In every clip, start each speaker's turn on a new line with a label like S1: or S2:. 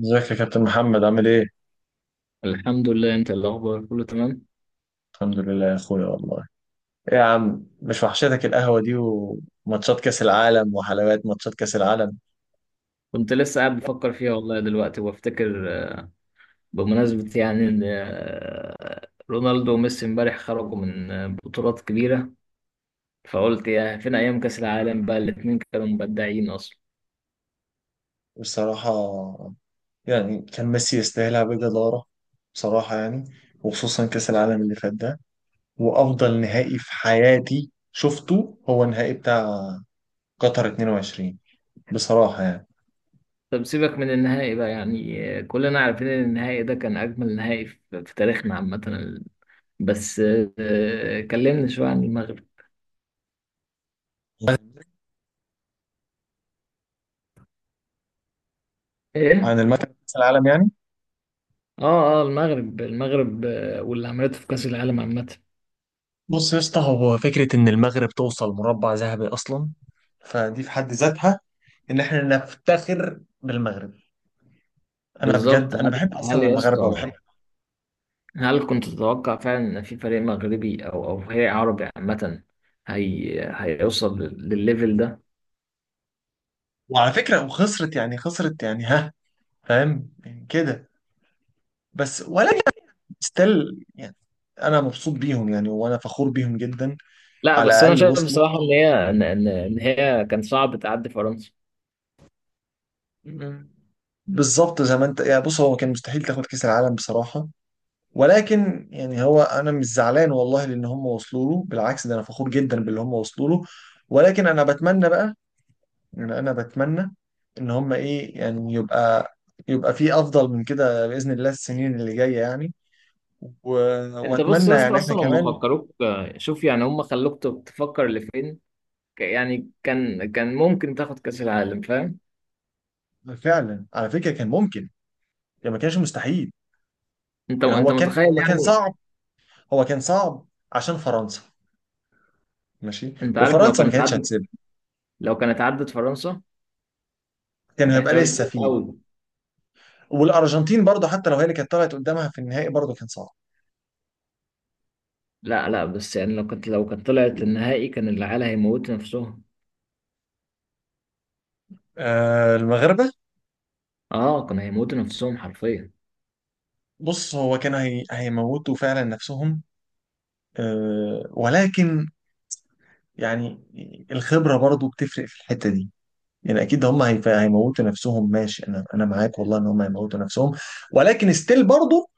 S1: ازيك يا كابتن محمد عامل ايه؟
S2: الحمد لله. انت إيه الاخبار، كله تمام؟
S1: الحمد لله يا اخويا والله. ايه يا عم، مش وحشتك القهوة دي وماتشات كأس العالم وحلوات ماتشات كأس العالم؟
S2: كنت لسه قاعد بفكر فيها والله دلوقتي وبفتكر، بمناسبة يعني ان رونالدو وميسي امبارح خرجوا من بطولات كبيرة، فقلت يا فين ايام كاس العالم، بقى الاتنين كانوا مبدعين اصلا.
S1: بصراحة يعني كان ميسي يستاهلها بجدارة. بصراحة يعني. وخصوصا كأس العالم اللي فات ده. وأفضل نهائي في حياتي شفته هو النهائي بتاع قطر 22. بصراحة يعني.
S2: طب سيبك من النهائي بقى، يعني كلنا عارفين ان النهائي ده كان اجمل نهائي في تاريخنا عامة. بس كلمني شوية عن المغرب. ايه؟
S1: عن المكان كأس العالم يعني.
S2: اه اه، المغرب، واللي عملته في كاس العالم عامة.
S1: بص يا اسطى، هو فكرة إن المغرب توصل مربع ذهبي أصلا، فدي في حد ذاتها، إن إحنا نفتخر بالمغرب. أنا بجد،
S2: بالظبط. هل،
S1: أنا بحب
S2: هل
S1: أصلا
S2: يا
S1: المغاربة وبحب.
S2: اسطى، هل كنت تتوقع فعلا ان في فريق مغربي او فريق عربي عامه، هيوصل للليفل ده؟
S1: وعلى فكرة، وخسرت يعني، خسرت يعني، ها، فاهم يعني كده. بس ولا ستيل يعني. أنا مبسوط بيهم يعني، وأنا فخور بيهم جدا.
S2: لا
S1: على
S2: بس انا
S1: الأقل
S2: شايف
S1: وصلوا.
S2: بصراحه ان هي ان هي كان صعب تعدي فرنسا.
S1: بالظبط زي ما أنت يعني، بص هو كان مستحيل تاخد كأس العالم بصراحة، ولكن يعني هو انا مش زعلان والله لان هم وصلوا له، بالعكس ده انا فخور جدا باللي هم وصلوا له. ولكن انا بتمنى بقى، يعني انا بتمنى ان هم ايه يعني يبقى، يبقى في افضل من كده باذن الله السنين اللي جايه يعني. و...
S2: انت بص
S1: واتمنى
S2: يا اسطى،
S1: يعني احنا
S2: اصلا هم
S1: كمان.
S2: فكروك، شوف يعني هم خلوك تفكر لفين. يعني كان ممكن تاخد كاس العالم، فاهم؟
S1: فعلا على فكره كان ممكن، يعني ما كانش مستحيل.
S2: انت
S1: يعني
S2: انت
S1: هو كان
S2: متخيل
S1: هو كان
S2: يعني؟
S1: صعب. هو كان صعب عشان فرنسا. ماشي.
S2: انت عارف لو
S1: وفرنسا ما
S2: كانت
S1: كانتش
S2: عدت،
S1: هتسيبها،
S2: لو كانت عدت فرنسا،
S1: كان
S2: كانت
S1: هيبقى
S2: احتمال
S1: لسه
S2: كبير
S1: فيه.
S2: قوي.
S1: والارجنتين برضه حتى لو هي اللي كانت طلعت قدامها في النهائي برضه كان صعب.
S2: لا لا بس يعني لو كانت طلعت النهائي كان العيال هيموتوا نفسهم.
S1: المغاربة.
S2: اه كانوا هيموتوا نفسهم حرفيا.
S1: بص هو كانوا هيموتوا فعلا نفسهم. ولكن يعني الخبرة برضو بتفرق في الحتة دي. يعني أكيد هم هيموتوا نفسهم، ماشي، أنا معاك والله إن هم هيموتوا نفسهم. ولكن ستيل برضو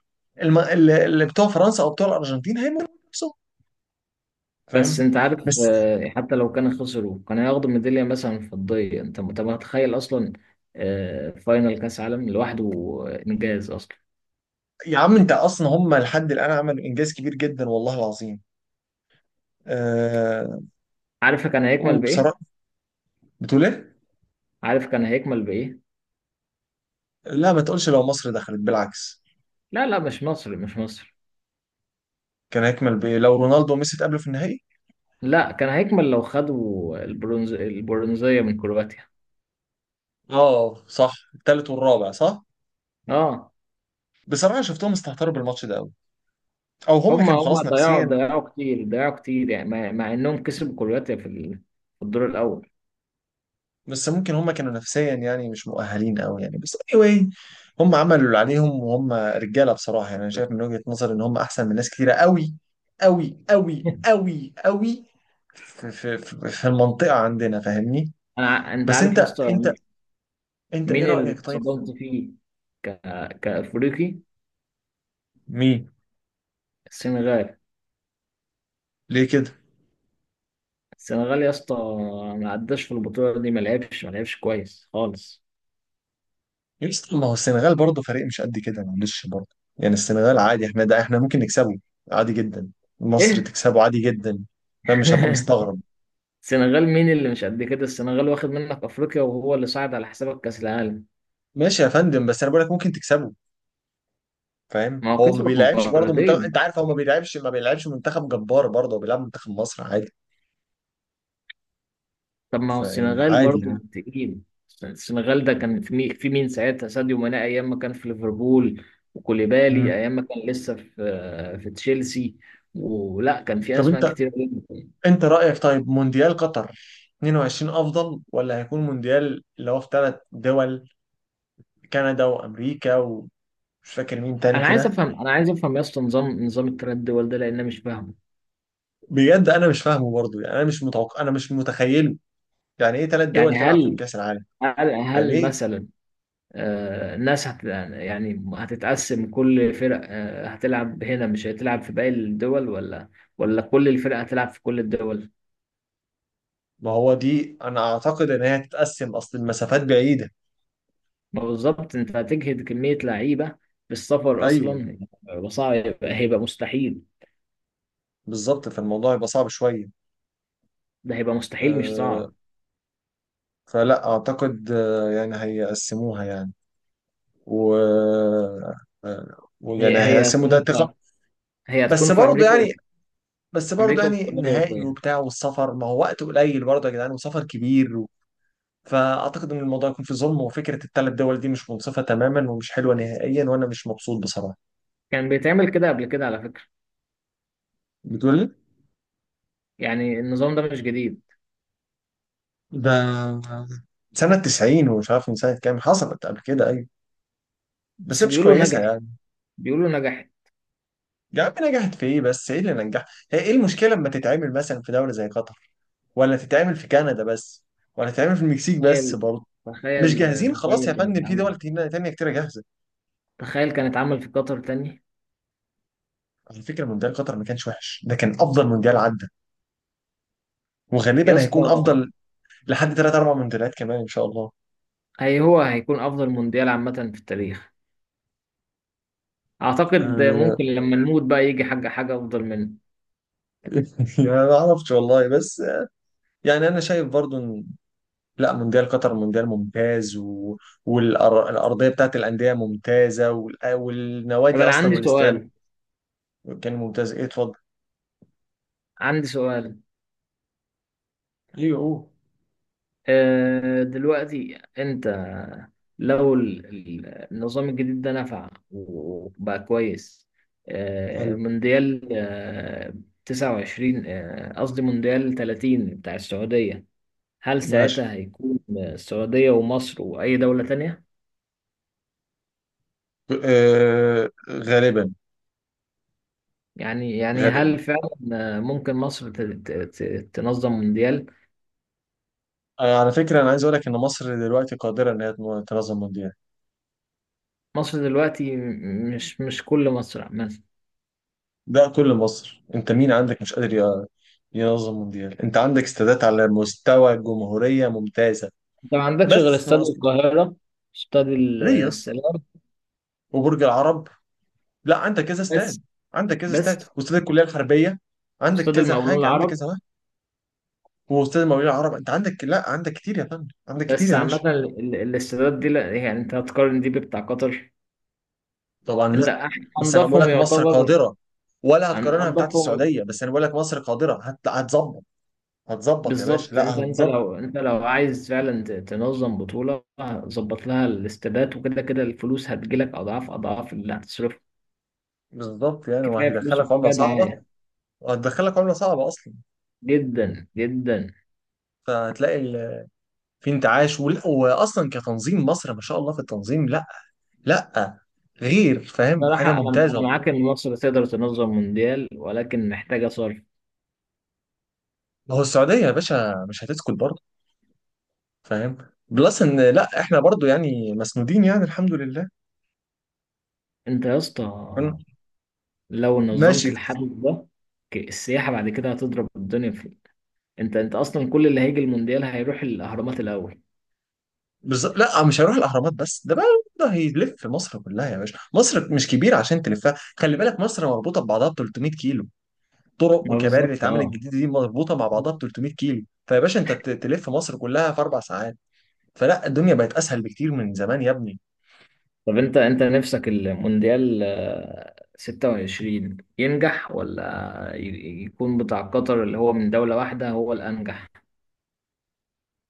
S1: اللي بتوع فرنسا أو بتوع الأرجنتين هيموتوا نفسهم،
S2: بس
S1: فاهم؟
S2: انت عارف،
S1: بس
S2: حتى لو كانوا خسروا كانوا هياخدوا ميدالية مثلا فضية، انت انت متخيل اصلا؟ فاينل كاس عالم لوحده انجاز اصلا.
S1: يا عم أنت أصلا هم لحد الآن عملوا إنجاز كبير جدا والله العظيم. أه...
S2: عارف كان هيكمل بايه؟
S1: وبصراحة. بتقول إيه؟
S2: عارف كان هيكمل بايه؟
S1: لا ما تقولش لو مصر دخلت، بالعكس.
S2: لا لا، مش مصر.
S1: كان هيكمل بإيه لو رونالدو وميسي اتقابلوا في النهائي؟
S2: لا، كان هيكمل لو خدوا البرونزية من كرواتيا.
S1: اه صح، التالت والرابع، صح.
S2: اه،
S1: بصراحة شفتهم استهتروا بالماتش ده قوي، او هم
S2: هما
S1: كانوا
S2: هما
S1: خلاص
S2: ضيعوا،
S1: نفسيا.
S2: ضيعوا كتير، يعني مع انهم كسبوا كرواتيا في الدور الاول.
S1: بس ممكن هم كانوا نفسيا يعني مش مؤهلين قوي يعني، بس anyway هم عملوا اللي عليهم وهم رجالة بصراحة، يعني انا شايف من وجهة نظري ان هم احسن من ناس كتيرة قوي، قوي قوي قوي قوي في المنطقة عندنا، فاهمني؟
S2: انت
S1: بس
S2: عارف يا اسطى،
S1: انت انت ايه
S2: مين اللي
S1: رأيك طيب
S2: صدمت فيه ك... كأفريقي؟
S1: مين؟
S2: السنغال،
S1: ليه كده؟
S2: السنغال يا اسطى، ما عداش في البطولة دي، ما لعبش كويس خالص.
S1: يا اسطى، ما هو السنغال برضه فريق مش قد كده، معلش برضه. يعني السنغال عادي، احنا ده احنا ممكن نكسبه عادي جدا، مصر
S2: ايه؟
S1: تكسبه عادي جدا. فاهم؟ مش هبقى مستغرب.
S2: السنغال مين اللي مش قد كده؟ السنغال واخد منك أفريقيا وهو اللي صعد على حسابك كأس العالم،
S1: ماشي يا فندم، بس انا بقول لك ممكن تكسبه. فاهم؟
S2: ما هو
S1: هو ما
S2: كسبك
S1: بيلعبش برضه منتخب، انت
S2: مرتين.
S1: عارف، هو ما بيلعبش منتخب جبار برضه، هو بيلعب منتخب مصر عادي.
S2: طب ما هو
S1: فيعني
S2: السنغال
S1: عادي يعني.
S2: برضو تقيل، السنغال ده كان في مين، في مين ساعتها؟ ساديو ماني أيام ما كان في ليفربول،
S1: مم.
S2: وكوليبالي أيام ما كان لسه في في تشيلسي، ولا كان في
S1: طب
S2: أسماء
S1: انت
S2: كتير.
S1: انت رأيك طيب مونديال قطر 22 افضل ولا هيكون مونديال اللي هو في 3 دول، كندا وامريكا ومش فاكر مين تاني
S2: انا عايز
S1: كده؟
S2: افهم، انا عايز افهم يا اسطى، نظام، نظام التردد الدول ده، لان أنا مش فاهمه.
S1: بجد انا مش فاهمه برضه يعني، انا مش متوقع، انا مش متخيله. يعني ايه 3 دول
S2: يعني
S1: تلعب فيهم
S2: هل،
S1: كاس العالم؟
S2: هل
S1: يعني
S2: هل
S1: ايه؟
S2: مثلا الناس هت، يعني هتتقسم، كل فرق هتلعب هنا مش هتلعب في باقي الدول، ولا ولا كل الفرق هتلعب في كل الدول؟
S1: ما هو دي انا اعتقد ان هي هتتقسم، اصل المسافات بعيده.
S2: ما بالظبط، انت هتجهد كمية لعيبة في السفر
S1: ايوه،
S2: اصلا، وصعب، هيبقى مستحيل.
S1: بالظبط، فالموضوع يبقى صعب شويه.
S2: ده هيبقى مستحيل مش
S1: أه
S2: صعب.
S1: فلا اعتقد، يعني هيقسموها يعني. و آه، ويعني
S2: هي هي
S1: هيقسموا
S2: هتكون
S1: ده ثقه.
S2: في، هي هتكون
S1: بس
S2: في
S1: برضه
S2: امريكا،
S1: يعني، بس برضه
S2: امريكا
S1: يعني
S2: واستراليا
S1: النهائي
S2: وفين؟
S1: وبتاع والسفر، ما هو وقت قليل برضه يا جدعان وسفر كبير، فاعتقد ان الموضوع يكون فيه ظلم، وفكره ال3 دول دي مش منصفه تماما ومش حلوه نهائيا وانا مش مبسوط بصراحه.
S2: كان بيتعمل كده قبل كده على فكرة،
S1: بتقول لي
S2: يعني النظام ده مش جديد.
S1: ده سنه 90؟ ومش عارف من سنه كام حصلت قبل كده، ايوه، بس هي
S2: بس
S1: مش
S2: بيقولوا
S1: كويسه
S2: نجحت،
S1: يعني.
S2: بيقولوا نجحت.
S1: يا عم، نجحت في ايه؟ بس ايه اللي نجح؟ هي ايه المشكله لما تتعمل مثلا في دوله زي قطر؟ ولا تتعمل في كندا بس؟ ولا تتعمل في المكسيك بس
S2: تخيل
S1: برضه؟ مش
S2: تخيل
S1: جاهزين خلاص يا
S2: تخيل
S1: فندم،
S2: كانت
S1: في
S2: عمل،
S1: دول تانية كتيرة جاهزة.
S2: تخيل كانت عمل في قطر تاني.
S1: على فكرة، مونديال قطر ما كانش وحش، ده كان أفضل مونديال عدى،
S2: يا
S1: وغالبا
S2: اسطى،
S1: هيكون أفضل لحد 3 4 مونديالات كمان إن شاء الله.
S2: هو هيكون افضل مونديال عامة في التاريخ، اعتقد
S1: آه،
S2: ممكن لما نموت بقى يجي حاجة افضل منه.
S1: يعني ما اعرفش والله، بس يعني انا شايف برضو ان لا، مونديال قطر مونديال ممتاز، والارضيه بتاعت الانديه ممتازه،
S2: طب
S1: والنوادي
S2: انا
S1: اصلا،
S2: عندي
S1: والاستاد
S2: سؤال،
S1: كان ممتاز. ايه، اتفضل.
S2: عندي سؤال،
S1: ايه؟ اوه.
S2: دلوقتي انت لو النظام الجديد ده نفع وبقى كويس،
S1: حلو.
S2: مونديال 29، قصدي مونديال 30 بتاع السعودية، هل
S1: ماشي.
S2: ساعتها هيكون السعودية ومصر وأي دولة تانية؟
S1: غالبا.
S2: يعني يعني
S1: غالبا.
S2: هل فعلا ممكن مصر ت- تنظم مونديال؟
S1: على فكره انا عايز اقول لك ان مصر دلوقتي قادره ان هي تنظم مونديال.
S2: مصر دلوقتي، مش كل مصر مثلا،
S1: ده كل مصر، انت مين عندك مش قادر ينظم مونديال؟ انت عندك استادات على مستوى الجمهوريه ممتازه،
S2: انت ما عندكش غير
S1: بس
S2: استاد
S1: ناقص.
S2: القاهرة، استاد
S1: ليه يا اسطى؟
S2: السلام
S1: وبرج العرب. لا، عندك كذا استاد، عندك كذا استاد،
S2: بس،
S1: واستاد الكليه الحربيه، عندك
S2: استاد
S1: كذا
S2: المقاولون
S1: حاجه، عندك
S2: العرب.
S1: كذا واحد، واستاد المقاولين العرب. انت عندك، لا عندك كتير يا فندم، عندك كتير
S2: بس
S1: يا
S2: عامة
S1: باشا.
S2: الاستادات دي لا، يعني انت هتقارن دي بتاع قطر؟
S1: طبعا
S2: انت
S1: لا. بس انا بقول
S2: انضفهم
S1: لك مصر
S2: يعتبر،
S1: قادره. ولا هتقارنها بتاعت
S2: انضفهم.
S1: السعوديه، بس انا بقول لك مصر قادره، هتظبط. هتظبط يا باشا،
S2: بالظبط، انت،
S1: لا
S2: انت
S1: هتظبط.
S2: لو، انت لو عايز فعلا تنظم بطولة، ظبط لها الاستادات، وكده كده الفلوس هتجيلك اضعاف، اضعاف اللي هتصرفه.
S1: بالظبط، يعني
S2: كفاية فلوس
S1: وهيدخلك عمله
S2: وكفاية
S1: صعبه،
S2: دعاية.
S1: وهتدخلك عمله صعبه اصلا.
S2: جدا جدا.
S1: فهتلاقي في انتعاش، واصلا كتنظيم مصر ما شاء الله في التنظيم، لا لا، غير فاهم، حاجه
S2: صراحة انا، انا
S1: ممتازه
S2: معاك
S1: بجد.
S2: ان مصر تقدر تنظم مونديال، ولكن محتاجة صرف.
S1: ما هو السعوديه يا باشا مش هتسكت برضه، فاهم؟ بلس ان لا احنا برضه يعني مسنودين، يعني الحمد لله.
S2: انت يا اسطى
S1: فاهم؟
S2: لو نظمت
S1: ماشي.
S2: الحدث ده، السياحة بعد كده هتضرب الدنيا في، انت انت اصلا كل اللي هيجي المونديال هيروح الاهرامات الاول.
S1: بالظبط، لا مش هيروح الاهرامات بس، ده بقى ده هيلف مصر كلها يا باشا، مصر مش كبيره عشان تلفها، خلي بالك مصر مربوطه ببعضها ب 300 كيلو، طرق
S2: ما
S1: وكباري اللي
S2: بالظبط،
S1: اتعملت
S2: اه.
S1: جديد دي مربوطه مع بعضها ب 300 كيلو، فيا باشا انت تلف مصر كلها في 4 ساعات، فلا الدنيا بقت اسهل بكتير من زمان يا ابني.
S2: طب انت، انت نفسك المونديال 26 ينجح، ولا يكون بتاع قطر اللي هو من دولة واحدة هو الانجح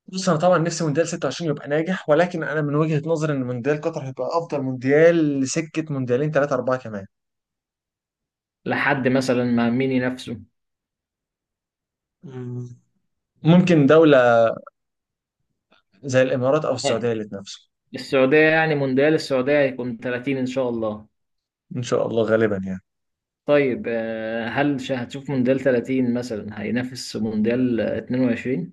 S1: بص، انا طبعا نفسي مونديال 26 يبقى ناجح، ولكن انا من وجهة نظري ان مونديال قطر هيبقى افضل مونديال لسكة مونديالين 3 4 كمان.
S2: لحد مثلا ما مين ينافسه؟
S1: مم. ممكن دولة زي الامارات او
S2: آه،
S1: السعودية اللي تنافسه.
S2: السعودية، يعني مونديال السعودية هيكون 30 ان شاء الله.
S1: ان شاء الله، غالبا يعني.
S2: طيب هل هتشوف مونديال 30 مثلا هينافس مونديال 22؟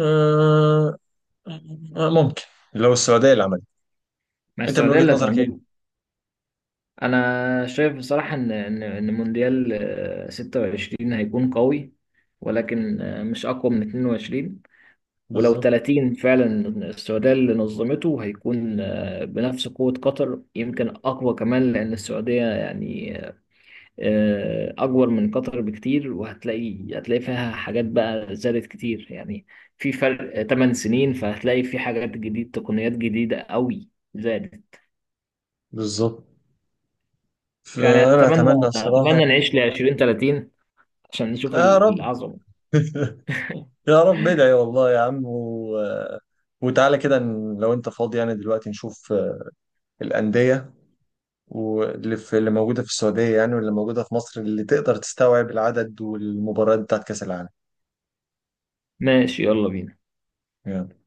S1: آه ممكن لو السعودية اللي عملت.
S2: ما
S1: انت من
S2: السعودية
S1: وجهة
S2: اللي
S1: نظرك
S2: هتعمله.
S1: ايه؟
S2: أنا شايف بصراحة إن إن مونديال 26 هيكون قوي، ولكن مش أقوى من 22. ولو
S1: بالظبط،
S2: 30 فعلا السعودية اللي نظمته، هيكون بنفس قوة قطر، يمكن أقوى كمان، لأن السعودية يعني أكبر من قطر بكتير، وهتلاقي، هتلاقي فيها حاجات بقى زادت كتير، يعني في فرق 8 سنين، فهتلاقي في حاجات جديدة، تقنيات جديدة قوي زادت.
S1: بالظبط،
S2: يعني
S1: فانا
S2: اتمنى،
S1: اتمنى الصراحة.
S2: اتمنى نعيش ل 20 30 عشان نشوف
S1: يا رب.
S2: العظمه.
S1: يا رب، ادعي والله يا عم، وتعالى كده لو انت فاضي يعني دلوقتي نشوف الأندية واللي في اللي موجودة في السعودية، يعني واللي موجودة في مصر اللي تقدر تستوعب العدد والمباريات بتاعت كأس العالم،
S2: ماشي يلا بينا.
S1: يعني.